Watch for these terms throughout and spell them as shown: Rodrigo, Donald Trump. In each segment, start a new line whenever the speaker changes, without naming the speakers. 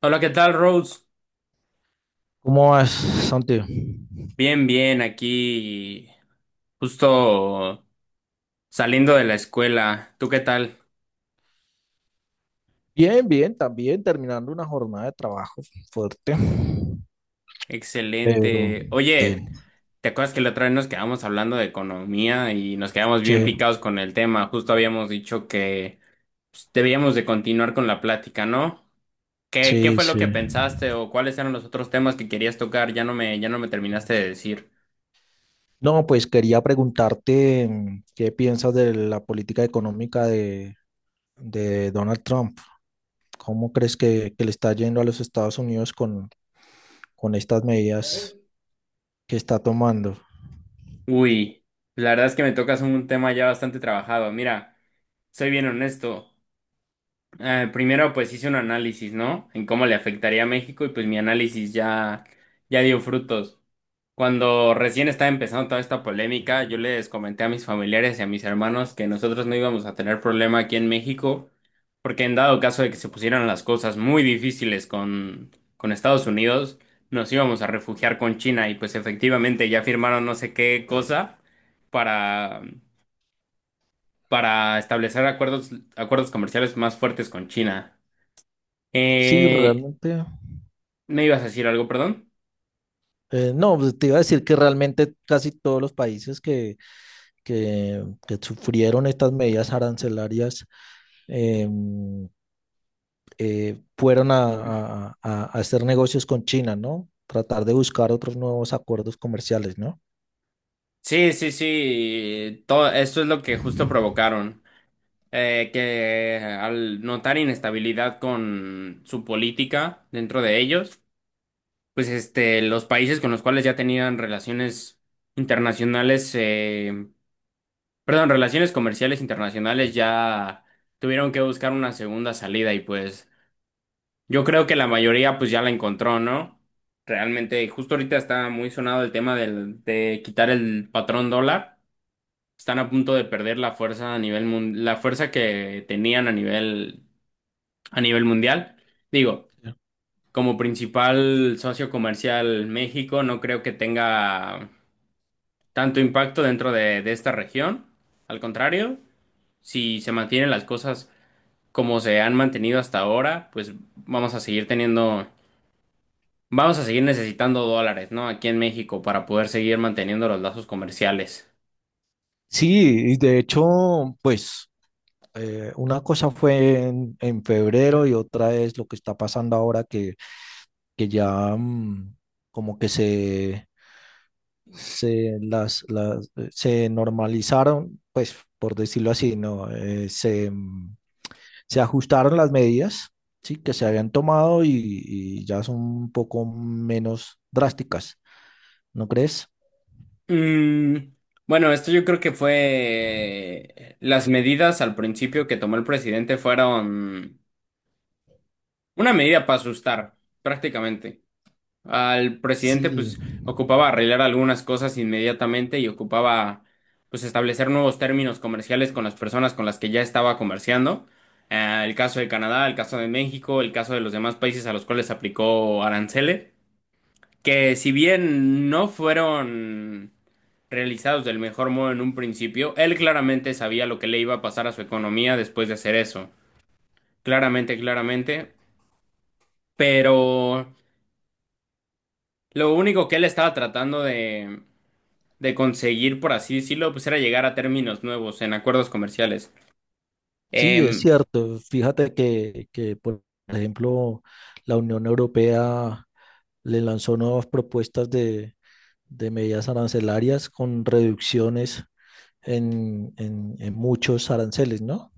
Hola, ¿qué tal, Rose?
¿Cómo vas, Santi?
Bien, bien, aquí justo saliendo de la escuela. ¿Tú qué tal?
Bien, bien, también terminando una jornada de trabajo fuerte, pero
Excelente. Oye,
bien.
¿te acuerdas que la otra vez nos quedamos hablando de economía y nos quedamos bien
Sí,
picados con el tema? Justo habíamos dicho que pues, debíamos de continuar con la plática, ¿no? ¿Qué
sí,
fue lo
sí.
que pensaste o cuáles eran los otros temas que querías tocar? Ya no me terminaste de decir.
No, pues quería preguntarte qué piensas de la política económica de Donald Trump. ¿Cómo crees que le está yendo a los Estados Unidos con estas medidas que está tomando?
Uy, la verdad es que me tocas un tema ya bastante trabajado. Mira, soy bien honesto. Primero, pues hice un análisis, ¿no? En cómo le afectaría a México y pues mi análisis ya dio frutos. Cuando recién estaba empezando toda esta polémica, yo les comenté a mis familiares y a mis hermanos que nosotros no íbamos a tener problema aquí en México, porque en dado caso de que se pusieran las cosas muy difíciles con Estados Unidos, nos íbamos a refugiar con China y pues efectivamente ya firmaron no sé qué cosa para, para establecer acuerdos comerciales más fuertes con China.
Sí,
Eh,
realmente.
¿Me ibas a decir algo, perdón?
No, pues, te iba a decir que realmente casi todos los países que sufrieron estas medidas arancelarias, eh, fueron a hacer negocios con China, ¿no? Tratar de buscar otros nuevos acuerdos comerciales, ¿no?
Sí, sí, sí. Todo esto es lo que justo provocaron. Que al notar inestabilidad con su política dentro de ellos, pues este, los países con los cuales ya tenían relaciones internacionales, perdón, relaciones comerciales internacionales ya tuvieron que buscar una segunda salida y pues yo creo que la mayoría pues ya la encontró, ¿no? Realmente, justo ahorita está muy sonado el tema del, de quitar el patrón dólar. Están a punto de perder la fuerza a nivel la fuerza que tenían a nivel mundial. Digo,
Ya.
como principal socio comercial México, no creo que tenga tanto impacto dentro de esta región. Al contrario, si se mantienen las cosas como se han mantenido hasta ahora, pues vamos a seguir teniendo, vamos a seguir necesitando dólares, ¿no? Aquí en México para poder seguir manteniendo los lazos comerciales.
Sí, y de hecho, pues, una cosa fue en febrero y otra es lo que está pasando ahora que ya, como que se normalizaron, pues por decirlo así, ¿no? Se ajustaron las medidas, sí, que se habían tomado y ya son un poco menos drásticas, ¿no crees?
Mm, bueno, esto yo creo que fue... Las medidas al principio que tomó el presidente fueron una medida para asustar, prácticamente. Al
Sí.
presidente pues ocupaba arreglar algunas cosas inmediatamente y ocupaba pues establecer nuevos términos comerciales con las personas con las que ya estaba comerciando. El caso de Canadá, el caso de México, el caso de los demás países a los cuales aplicó aranceles. Que si bien no fueron realizados del mejor modo en un principio, él claramente sabía lo que le iba a pasar a su economía después de hacer eso. Claramente, claramente. Pero lo único que él estaba tratando de conseguir, por así decirlo, pues era llegar a términos nuevos en acuerdos comerciales.
Sí, es
Em,
cierto. Fíjate que, por ejemplo, la Unión Europea le lanzó nuevas propuestas de medidas arancelarias con reducciones en muchos aranceles, ¿no?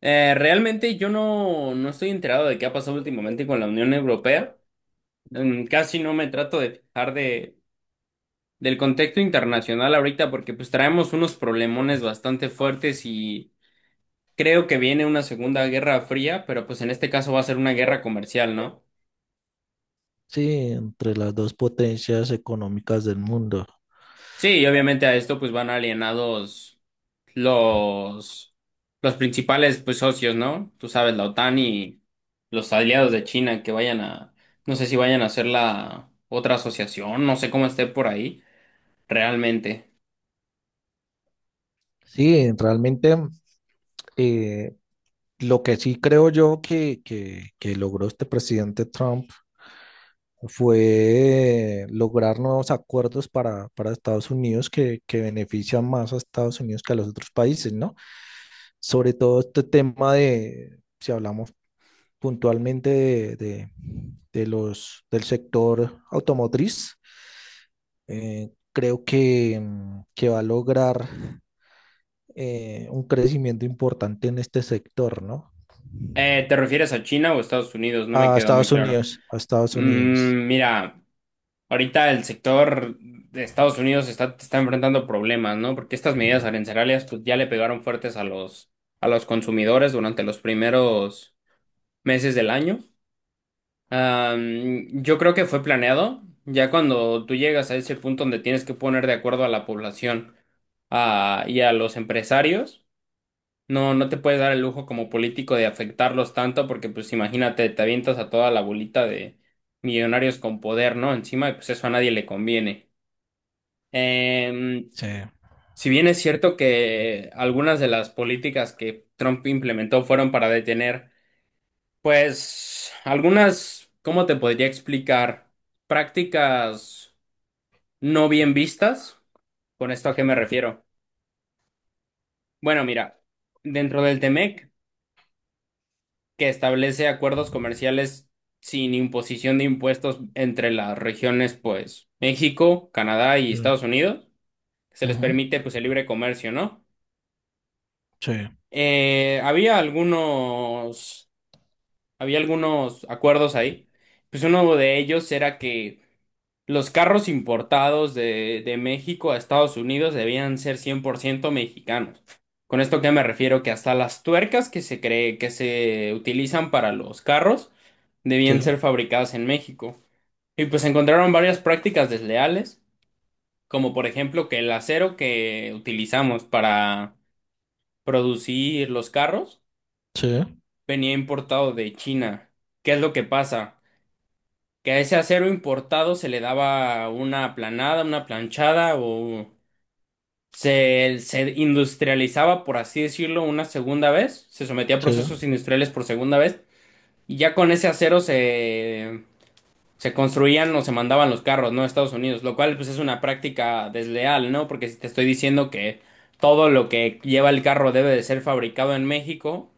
Realmente yo no estoy enterado de qué ha pasado últimamente con la Unión Europea. Casi no me trato de fijar de del contexto internacional ahorita porque pues traemos unos problemones bastante fuertes y creo que viene una segunda guerra fría, pero pues en este caso va a ser una guerra comercial, ¿no?
Sí, entre las dos potencias económicas del mundo.
Sí, y obviamente a esto pues van alienados los los principales pues socios, ¿no? Tú sabes, la OTAN y los aliados de China que vayan a, no sé si vayan a hacer la otra asociación, no sé cómo esté por ahí realmente.
Sí, realmente. eh, Lo que sí creo yo que logró este presidente Trump fue lograr nuevos acuerdos para Estados Unidos que benefician más a Estados Unidos que a los otros países, ¿no? Sobre todo este tema de, si hablamos puntualmente de del sector automotriz. Creo que va a lograr un crecimiento importante en este sector, ¿no?
¿Te refieres a China o Estados Unidos? No me
A
quedó muy
Estados
claro.
Unidos, a Estados Unidos.
Mm, mira, ahorita el sector de Estados Unidos está enfrentando problemas, ¿no? Porque estas medidas arancelarias pues, ya le pegaron fuertes a a los consumidores durante los primeros meses del año. Am, yo creo que fue planeado, ya cuando tú llegas a ese punto donde tienes que poner de acuerdo a la población, ah, y a los empresarios. No te puedes dar el lujo como político de afectarlos tanto porque pues imagínate, te avientas a toda la bolita de millonarios con poder, ¿no? Encima, y pues eso a nadie le conviene. Em,
Sí.
si bien es cierto que algunas de las políticas que Trump implementó fueron para detener, pues algunas, ¿cómo te podría explicar? Prácticas no bien vistas. ¿Con esto a qué me refiero? Bueno, mira, dentro del t que establece acuerdos comerciales sin imposición de impuestos entre las regiones, pues México, Canadá y
Sí.
Estados Unidos. Se les
Ujú.
permite pues el libre comercio, ¿no?
Sí,
Eh, había algunos, había algunos acuerdos ahí. Pues uno de ellos era que los carros importados de México a Estados Unidos debían ser 100% mexicanos. Con esto que me refiero que hasta las tuercas que se cree que se utilizan para los carros
sí,
debían ser fabricadas en México. Y pues encontraron varias prácticas desleales, como por ejemplo que el acero que utilizamos para producir los carros
sí,
venía importado de China. ¿Qué es lo que pasa? Que a ese acero importado se le daba una aplanada, una planchada o se industrializaba, por así decirlo, una segunda vez, se sometía a
sí,
procesos industriales por segunda vez y ya con ese acero se, se construían o se mandaban los carros, ¿no? A Estados Unidos, lo cual pues es una práctica desleal, ¿no? Porque si te estoy diciendo que todo lo que lleva el carro debe de ser fabricado en México,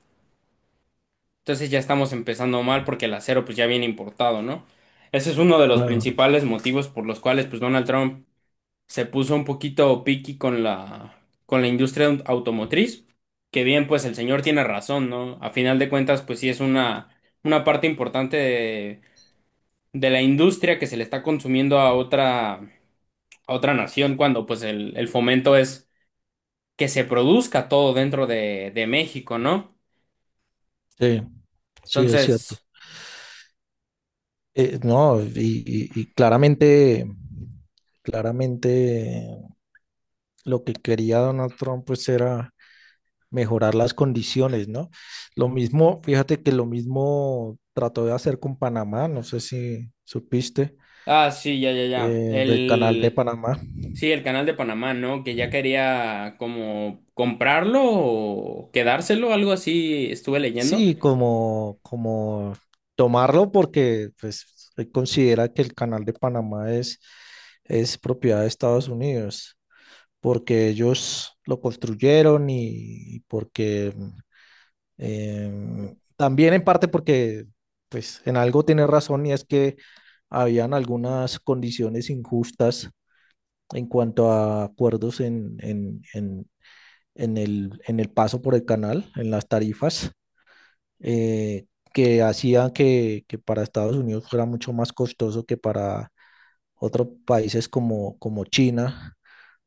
entonces ya estamos empezando mal porque el acero pues ya viene importado, ¿no? Ese es uno de los
claro,
principales motivos por los cuales pues Donald Trump se puso un poquito piqui con la, con la industria automotriz, que bien pues el señor tiene razón, ¿no? A final de cuentas pues sí es una parte importante de la industria que se le está consumiendo a otra nación cuando pues el fomento es que se produzca todo dentro de México, ¿no?
sí, sí, es cierto.
Entonces,
No, y claramente, claramente lo que quería Donald Trump pues era mejorar las condiciones, ¿no? Lo mismo, fíjate que lo mismo trató de hacer con Panamá, no sé si supiste,
ah, sí, ya, ya, ya.
del canal de
El,
Panamá.
sí, el canal de Panamá, ¿no? Que ya quería como comprarlo o quedárselo, algo así estuve leyendo.
Sí, como, como tomarlo porque pues él considera que el canal de Panamá es propiedad de Estados Unidos, porque ellos lo construyeron y porque, también en parte porque pues en algo tiene razón y es que habían algunas condiciones injustas en cuanto a acuerdos en en el paso por el canal, en las tarifas, eh, que hacían que para Estados Unidos fuera mucho más costoso que para otros países como, como China,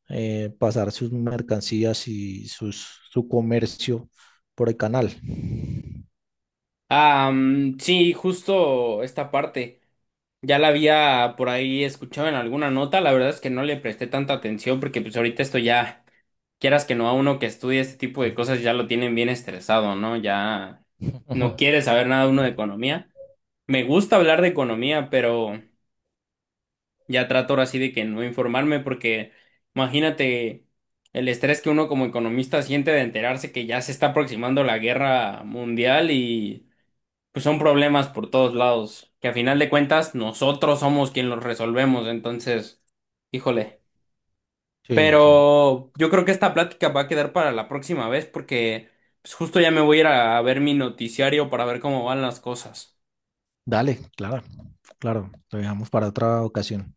pasar sus mercancías y sus, su comercio por el canal.
Ah, mm, sí, justo esta parte. Ya la había por ahí escuchado en alguna nota, la verdad es que no le presté tanta atención porque pues ahorita esto ya, quieras que no, a uno que estudie este tipo de cosas ya lo tienen bien estresado, ¿no? Ya
Ujú.
no quiere saber nada uno de economía. Me gusta hablar de economía, pero ya trato ahora sí de que no informarme porque imagínate el estrés que uno como economista siente de enterarse que ya se está aproximando la guerra mundial y pues son problemas por todos lados, que a final de cuentas nosotros somos quien los resolvemos, entonces, híjole.
Sí, sí.
Pero yo creo que esta plática va a quedar para la próxima vez porque pues, justo ya me voy a ir a ver mi noticiario para ver cómo van las cosas.
Dale, claro, claro, lo dejamos para otra ocasión.